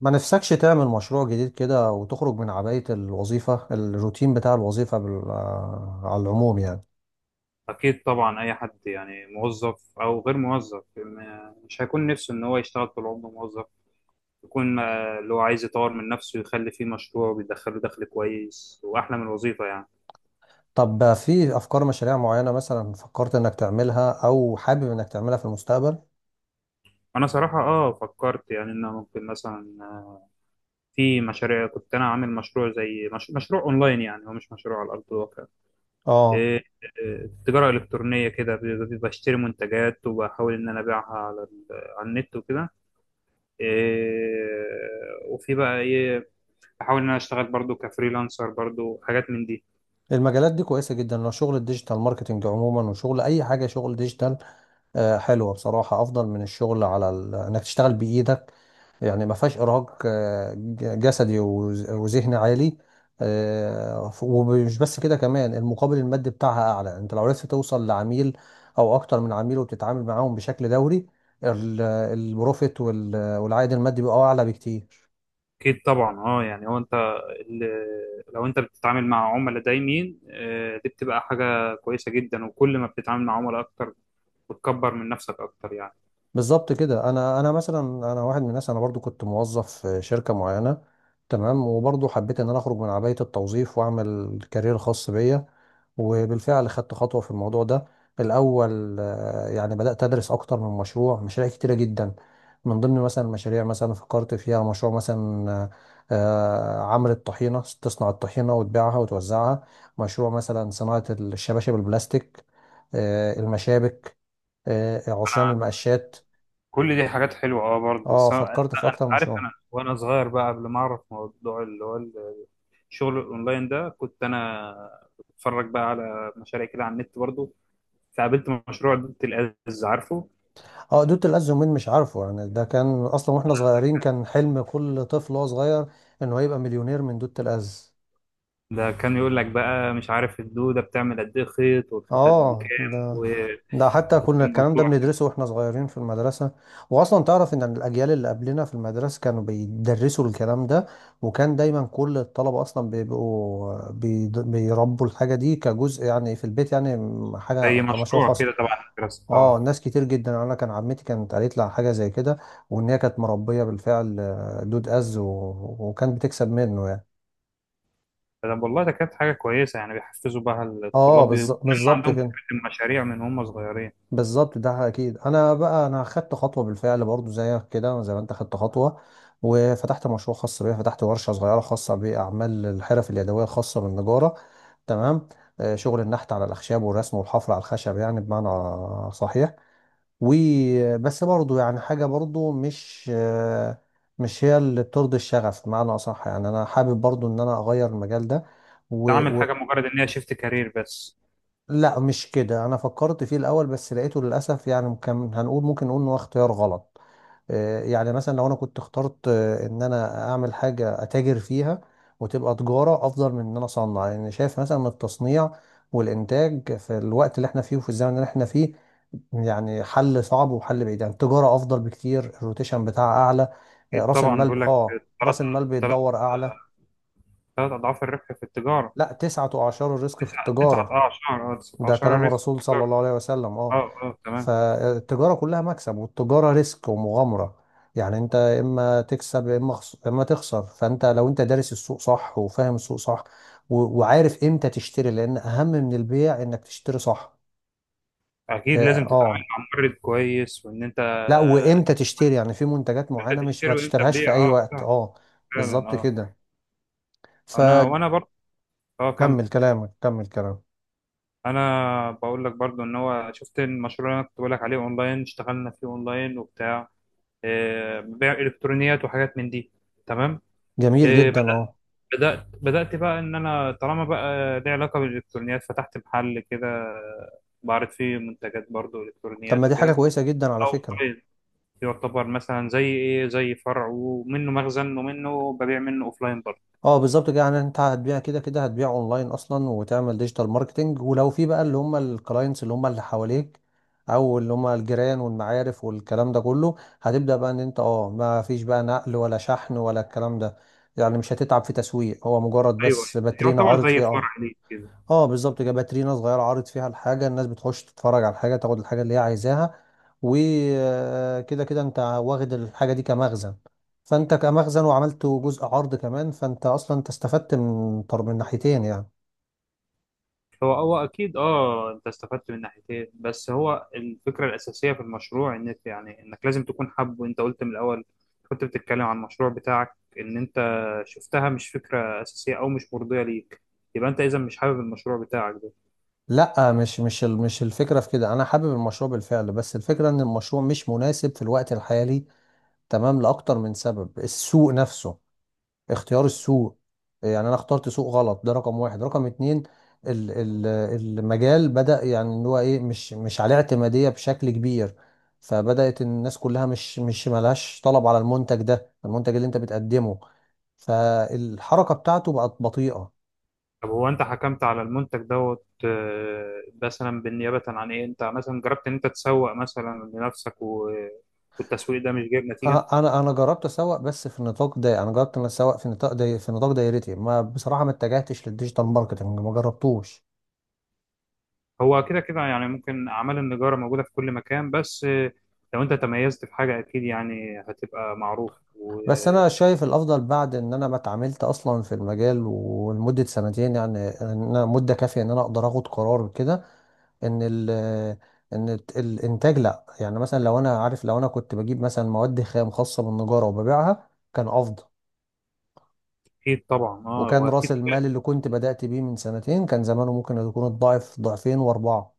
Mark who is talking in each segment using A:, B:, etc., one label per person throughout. A: ما نفسكش تعمل مشروع جديد كده، وتخرج من عباية الوظيفة، الروتين بتاع الوظيفة بال... آه، على العموم يعني.
B: أكيد طبعا، أي حد يعني موظف أو غير موظف مش هيكون نفسه إن هو يشتغل طول عمره موظف. يكون اللي هو عايز يطور من نفسه، يخلي فيه مشروع بيدخله دخل كويس وأحلى من الوظيفة يعني.
A: طب، في أفكار مشاريع معينة مثلا فكرت إنك تعملها أو حابب إنك تعملها في المستقبل؟
B: أنا صراحة فكرت يعني إن أنا ممكن مثلا في مشاريع كنت أنا عامل مشروع زي مش... مشروع أونلاين، يعني هو مش مشروع على أرض الواقع.
A: آه
B: إيه، إيه، تجارة إلكترونية كده، بشتري منتجات وبحاول إن أنا أبيعها على النت وكده. إيه، وفي بقى ايه، بحاول ان انا اشتغل برضو كفريلانسر، برضو حاجات من دي.
A: المجالات دي كويسة جدا لو شغل الديجيتال ماركتينج عموما، وشغل أي حاجة شغل ديجيتال. حلوة بصراحة، أفضل من الشغل إنك تشتغل بإيدك، يعني ما فيهاش ارهاق جسدي وذهني عالي. ومش بس كده، كمان المقابل المادي بتاعها اعلى، انت لو عرفت توصل لعميل او اكتر من عميل وبتتعامل معاهم بشكل دوري، ال- البروفيت والعائد المادي بيبقى اعلى بكتير.
B: اكيد طبعا، يعني هو انت، لو انت بتتعامل مع عملاء دايمين، دي بتبقى حاجة كويسة جدا، وكل ما بتتعامل مع عملاء اكتر بتكبر من نفسك اكتر يعني.
A: بالظبط كده. انا مثلا، انا واحد من الناس، انا برضو كنت موظف في شركه معينه، تمام، وبرضو حبيت ان انا اخرج من عبايه التوظيف واعمل كارير خاص بيا، وبالفعل خدت خطوه في الموضوع ده. الاول يعني بدات ادرس اكتر من مشروع، مشاريع كتيره جدا، من ضمن مثلا مشاريع مثلا فكرت فيها مشروع مثلا، عمل الطحينه، تصنع الطحينه وتبيعها وتوزعها. مشروع مثلا صناعه الشباشب البلاستيك، المشابك، عصيان المقشات.
B: كل دي حاجات حلوة، برضه،
A: اه،
B: بس
A: فكرت في
B: انت
A: اكتر
B: عارف،
A: مشروع.
B: انا وانا صغير بقى، قبل ما اعرف موضوع اللي هو الشغل الاونلاين ده، كنت انا بتفرج بقى على مشاريع كده على النت برضه، فقابلت مشروع دودة الأز، عارفه؟
A: اه، دوت الأز، يومين مش عارفه، يعني ده كان اصلا واحنا صغيرين، كان حلم كل طفل وهو صغير انه يبقى مليونير من دوت الأز.
B: ده كان يقول لك بقى، مش عارف الدودة بتعمل قد ايه خيط والخيط قد
A: اه،
B: كام،
A: ده،
B: و-
A: ده حتى كنا
B: وكان
A: الكلام ده
B: الموضوع
A: بندرسه واحنا صغيرين في المدرسة. واصلا تعرف ان الاجيال اللي قبلنا في المدرسة كانوا بيدرسوا الكلام ده، وكان دايما كل الطلبة اصلا بيربوا الحاجة دي كجزء، يعني في البيت، يعني حاجة
B: زي
A: كمشروع
B: مشروع
A: خاص.
B: كده تبع المدرسة،
A: اه،
B: اه.
A: ناس كتير جدا، انا كان عمتي كانت قالت لي على حاجه زي كده، وان هي كانت مربيه بالفعل، دود از وكانت بتكسب منه يعني.
B: والله ده كانت حاجة كويسة، يعني بيحفزوا بقى
A: اه،
B: الطلاب يبقوا
A: بالظبط
B: عندهم
A: كده.
B: فكرة المشاريع من هم صغيرين.
A: بالظبط ده. اكيد انا بقى، انا خدت خطوه بالفعل برضو زيك كده، زي ما انت خدت خطوه، وفتحت مشروع خاص بيا، فتحت ورشه صغيره خاصه باعمال الحرف اليدويه الخاصه بالنجاره، تمام، شغل النحت على الاخشاب والرسم والحفر على الخشب، يعني بمعنى صحيح. وبس برضو يعني حاجة برضو مش هي اللي بترضي الشغف، بمعنى أصح يعني أنا حابب برضو إن أنا أغير المجال ده و...
B: تعمل
A: و...
B: حاجه مجرد ان هي شيفت كارير بس.
A: لا مش كده، أنا فكرت فيه الأول بس لقيته للأسف يعني، كان هنقول، ممكن نقول إن هو اختيار غلط. يعني مثلا لو أنا كنت اخترت إن أنا أعمل حاجة أتاجر فيها، وتبقى تجارة أفضل من إن أنا أصنع، لأن يعني شايف مثلا إن التصنيع والإنتاج في الوقت اللي إحنا فيه وفي الزمن اللي إحنا فيه يعني حل صعب وحل بعيد. يعني التجارة أفضل بكتير، الروتيشن بتاعها أعلى،
B: اكيد
A: رأس
B: طبعا، بيقول
A: المال،
B: لك ثلاث
A: رأس المال
B: ثلاث
A: بيتدور أعلى.
B: ثلاث اضعاف الربح في التجاره.
A: لا، تسعة أعشار الرزق في التجارة.
B: تسعه
A: ده
B: اعشار
A: كلام
B: الريسك في
A: الرسول صلى
B: التجاره.
A: الله عليه وسلم،
B: اه، اه، تمام.
A: فالتجارة كلها مكسب، والتجارة ريسك ومغامرة، يعني أنت إما تكسب يا إما إما تخسر. فأنت لو أنت دارس السوق صح وفاهم السوق صح، وعارف إمتى تشتري، لأن أهم من البيع إنك تشتري صح.
B: اكيد،
A: آه
B: لازم تتعامل
A: آه.
B: مع مورد كويس، وان انت
A: لا، وامتى تشتري يعني، في منتجات
B: انت
A: معينة مش
B: تشتري
A: ما
B: وامتى
A: تشتريهاش في
B: تبيع.
A: اي
B: اه،
A: وقت،
B: صح،
A: اه.
B: فعلا،
A: بالظبط
B: اه.
A: كده.
B: انا
A: فكمل
B: وانا برضه، اه كم
A: كلامك، كمل كلامك.
B: انا بقول لك برضه ان هو شفت المشروع اللي انا كنت بقول لك عليه اونلاين، اشتغلنا فيه اونلاين وبتاع، بيع الكترونيات وحاجات من دي. تمام.
A: جميل
B: آه،
A: جدا، اه.
B: بدأت بقى، إن أنا طالما بقى ليه علاقة بالإلكترونيات، فتحت محل كده بعرض فيه منتجات برضو
A: طب ما
B: إلكترونيات
A: دي حاجة
B: وكده.
A: كويسة جدا على
B: أو
A: فكرة.
B: أوفلاين، يعتبر مثلا زي إيه، زي فرع ومنه مخزن، ومنه ببيع منه أوفلاين برضه.
A: اه بالظبط كده. يعني انت هتبيع كده كده، هتبيع اونلاين اصلا، وتعمل ديجيتال ماركتنج، ولو في بقى اللي هم الكلاينتس اللي هم اللي حواليك، او اللي هم الجيران والمعارف والكلام ده كله، هتبدأ بقى ان انت اه ما فيش بقى نقل ولا شحن ولا الكلام ده. يعني مش هتتعب في تسويق، هو مجرد
B: أيوه،
A: بس باترينا
B: يعتبر
A: عارض
B: زي
A: فيه، اه.
B: فرع ليه كده.
A: اه بالظبط كده، باترينا صغيره عارض فيها الحاجه، الناس بتخش تتفرج على الحاجه، تاخد الحاجه اللي هي عايزاها، وكده كده انت واخد الحاجه دي كمخزن، فانت كمخزن وعملت جزء عرض كمان، فانت اصلا انت استفدت من ناحيتين يعني.
B: هو اكيد، انت استفدت من ناحيتين، بس هو الفكره الاساسيه في المشروع، يعني انك لازم تكون حابه، انت قلت من الاول، كنت بتتكلم عن المشروع بتاعك، ان انت شفتها مش فكره اساسيه او مش مرضيه ليك، يبقى انت اذا مش حابب المشروع بتاعك ده.
A: لا مش الفكره في كده، انا حابب المشروع بالفعل، بس الفكره ان المشروع مش مناسب في الوقت الحالي، تمام، لاكتر من سبب. السوق نفسه، اختيار السوق، يعني انا اخترت سوق غلط، ده رقم واحد. رقم اتنين، ال- ال- المجال بدأ يعني ان هو ايه مش عليه اعتمادية بشكل كبير، فبدأت الناس كلها مش ملهاش طلب على المنتج ده، المنتج اللي انت بتقدمه، فالحركة بتاعته بقت بطيئة.
B: طب هو انت حكمت على المنتج دوت، مثلا بالنيابه عن ايه، انت مثلا جربت ان انت تسوق مثلا لنفسك، والتسويق ده مش جايب نتيجه؟
A: انا، جربت اسوق بس في نطاق ده، انا جربت ان أنا اسوق في نطاق في نطاق دايرتي، ما بصراحة ما اتجهتش للديجيتال ماركتنج، ما جربتوش.
B: هو كده كده، يعني ممكن أعمال النجارة موجودة في كل مكان، بس لو أنت تميزت في حاجة أكيد يعني هتبقى معروف،
A: بس انا
B: وأكيد
A: شايف الافضل، بعد ان انا ما اتعاملت اصلا في المجال ولمده سنتين، يعني ان انا مده كافيه ان انا اقدر اخد قرار كده، ان ال ان الت- الانتاج، لا يعني مثلا لو انا عارف، لو انا كنت بجيب مثلا مواد خام خاصه بالنجاره وببيعها، كان افضل،
B: طبعا،
A: وكان راس
B: وأكيد.
A: المال اللي كنت بدات بيه من سنتين كان زمانه ممكن يكون الضعف، ضعفين واربعه.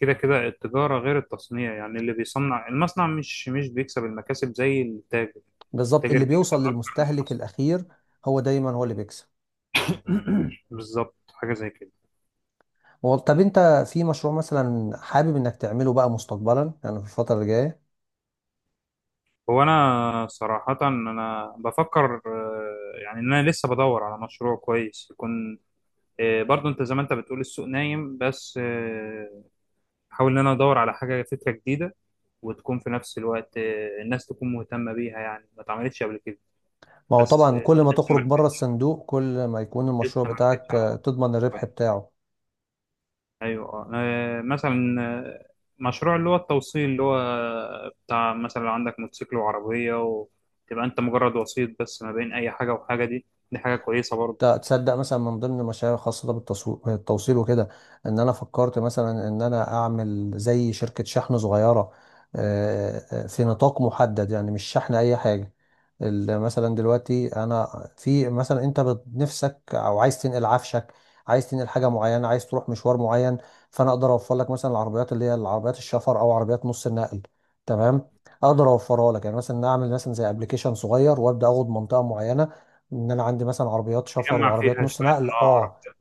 B: كده كده، التجارة غير التصنيع، يعني اللي بيصنع المصنع مش بيكسب المكاسب زي التاجر.
A: بالظبط،
B: التاجر
A: اللي
B: بيكسب
A: بيوصل
B: أكتر من
A: للمستهلك
B: المصنع.
A: الاخير هو دايما هو اللي بيكسب.
B: بالظبط، حاجة زي كده.
A: طب انت في مشروع مثلا حابب انك تعمله بقى مستقبلا، يعني في الفتره الجايه؟
B: هو أنا صراحة، أنا بفكر، يعني إن أنا لسه بدور على مشروع كويس يكون، برضو انت زي ما انت بتقول السوق نايم، بس بحاول ان انا ادور على حاجه، فكره جديده، وتكون في نفس الوقت، الناس تكون مهتمه بيها، يعني ما اتعملتش قبل كده.
A: ما هو
B: بس،
A: طبعا كل ما
B: لسه
A: تخرج
B: ما
A: بره الصندوق، كل ما يكون
B: لسه
A: المشروع
B: ما ركزتش
A: بتاعك
B: على
A: تضمن الربح
B: موضوع.
A: بتاعه.
B: ايوه. مثلا، مشروع اللي هو التوصيل، اللي هو بتاع مثلا، لو عندك موتوسيكل وعربيه، وتبقى انت مجرد وسيط بس ما بين اي حاجه وحاجه، دي. دي حاجه كويسه برضه،
A: تصدق مثلا من ضمن المشاريع الخاصة بالتوصيل وكده، ان انا فكرت مثلا ان انا اعمل زي شركة شحن صغيرة، في نطاق محدد، يعني مش شحن اي حاجة، مثلا دلوقتي انا في مثلا، انت نفسك او عايز تنقل عفشك، عايز تنقل حاجة معينة، عايز تروح مشوار معين، فانا اقدر اوفر لك مثلا العربيات، اللي هي العربيات الشفر او عربيات نص النقل، تمام، اقدر اوفرها لك يعني، مثلا اعمل مثلا زي ابلكيشن صغير، وابدا اخد منطقة معينة، ان انا عندي مثلا عربيات شفر
B: تجمع
A: وعربيات
B: فيها
A: نص نقل،
B: شويه، اه،
A: اه.
B: عربيات.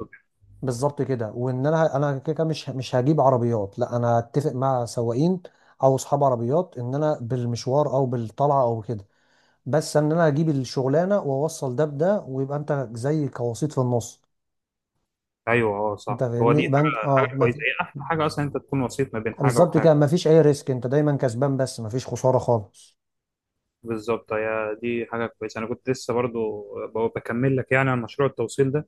A: بالظبط كده. وان انا، انا كده كده مش هجيب عربيات، لا انا اتفق مع سواقين او اصحاب عربيات، ان انا بالمشوار او بالطلعه او كده، بس ان انا اجيب الشغلانه، واوصل ده بده، ويبقى انت زي كوسيط في النص.
B: ايوه، اه،
A: انت
B: صح، هو
A: فاهمني،
B: دي
A: يبقى انت
B: حاجه
A: اه
B: حاجه
A: ما
B: كويسه،
A: في...
B: هي احلى حاجه اصلا انت تكون وسيط ما بين حاجه
A: بالظبط كده،
B: وحاجه.
A: ما فيش اي ريسك، انت دايما كسبان، بس ما فيش خساره خالص.
B: بالظبط، هي دي حاجه كويسه. انا كنت لسه برضو بكمل لك، يعني عن مشروع التوصيل ده.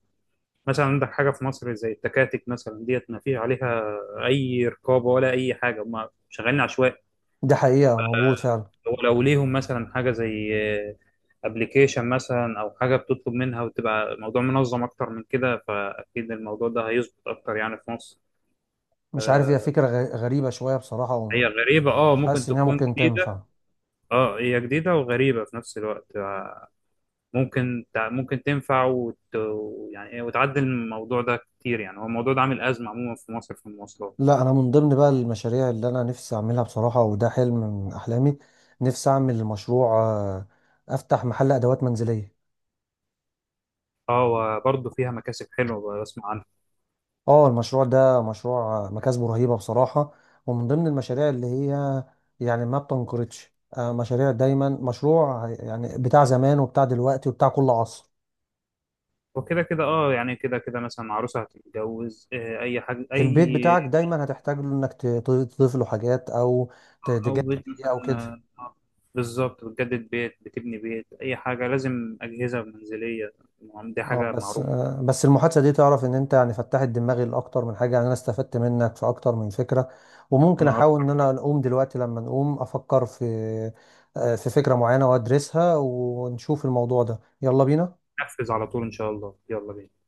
B: مثلا عندك حاجه في مصر زي التكاتك مثلا، ديت ما فيش عليها اي رقابه ولا اي حاجه، هم شغالين عشوائي.
A: دي حقيقه موجود فعلا.
B: هو لو ليهم مثلا حاجه زي ابلكيشن مثلا، او حاجه بتطلب منها، وتبقى الموضوع منظم اكتر من كده، فاكيد الموضوع ده هيظبط اكتر يعني في مصر.
A: مش عارف، هي
B: آه،
A: فكره غريبه شويه بصراحه،
B: هي
A: ومش
B: غريبه، ممكن
A: حاسس ان هي
B: تكون
A: ممكن
B: جديده.
A: تنفع.
B: اه، هي جديدة وغريبة في نفس الوقت، ممكن تنفع يعني إيه، وتعدل الموضوع ده كتير، يعني هو الموضوع ده عامل أزمة عموما في مصر في المواصلات.
A: لا، انا من ضمن بقى المشاريع اللي انا نفسي اعملها بصراحه، وده حلم من احلامي، نفسي اعمل مشروع، افتح محل ادوات منزليه.
B: اه، وبرضه فيها مكاسب حلوة بسمع عنها.
A: اه، المشروع ده مشروع مكاسبه رهيبه بصراحه، ومن ضمن المشاريع اللي هي يعني ما بتنقرضش، مشاريع دايما، مشروع يعني بتاع زمان وبتاع دلوقتي وبتاع كل عصر.
B: وكده كده، يعني كده كده، مثلا عروسة هتتجوز، أي حاجة،
A: البيت بتاعك دايما هتحتاج له انك تضيف له حاجات او
B: أو
A: تجدد
B: بيت
A: فيه
B: مثلا،
A: او كده.
B: آه، آه، بالظبط، بتجدد بيت، بتبني بيت، أي حاجة لازم أجهزة منزلية. دي
A: اه،
B: حاجة
A: بس
B: معروفة.
A: بس المحادثه دي، تعرف ان انت يعني فتحت دماغي لاكتر من حاجه، يعني انا استفدت منك في اكتر من فكره، وممكن
B: أنا
A: احاول ان
B: أكتر.
A: انا اقوم دلوقتي لما نقوم افكر في في فكره معينه وادرسها ونشوف الموضوع ده. يلا بينا.
B: أنفذ على طول إن شاء الله، يلا بينا.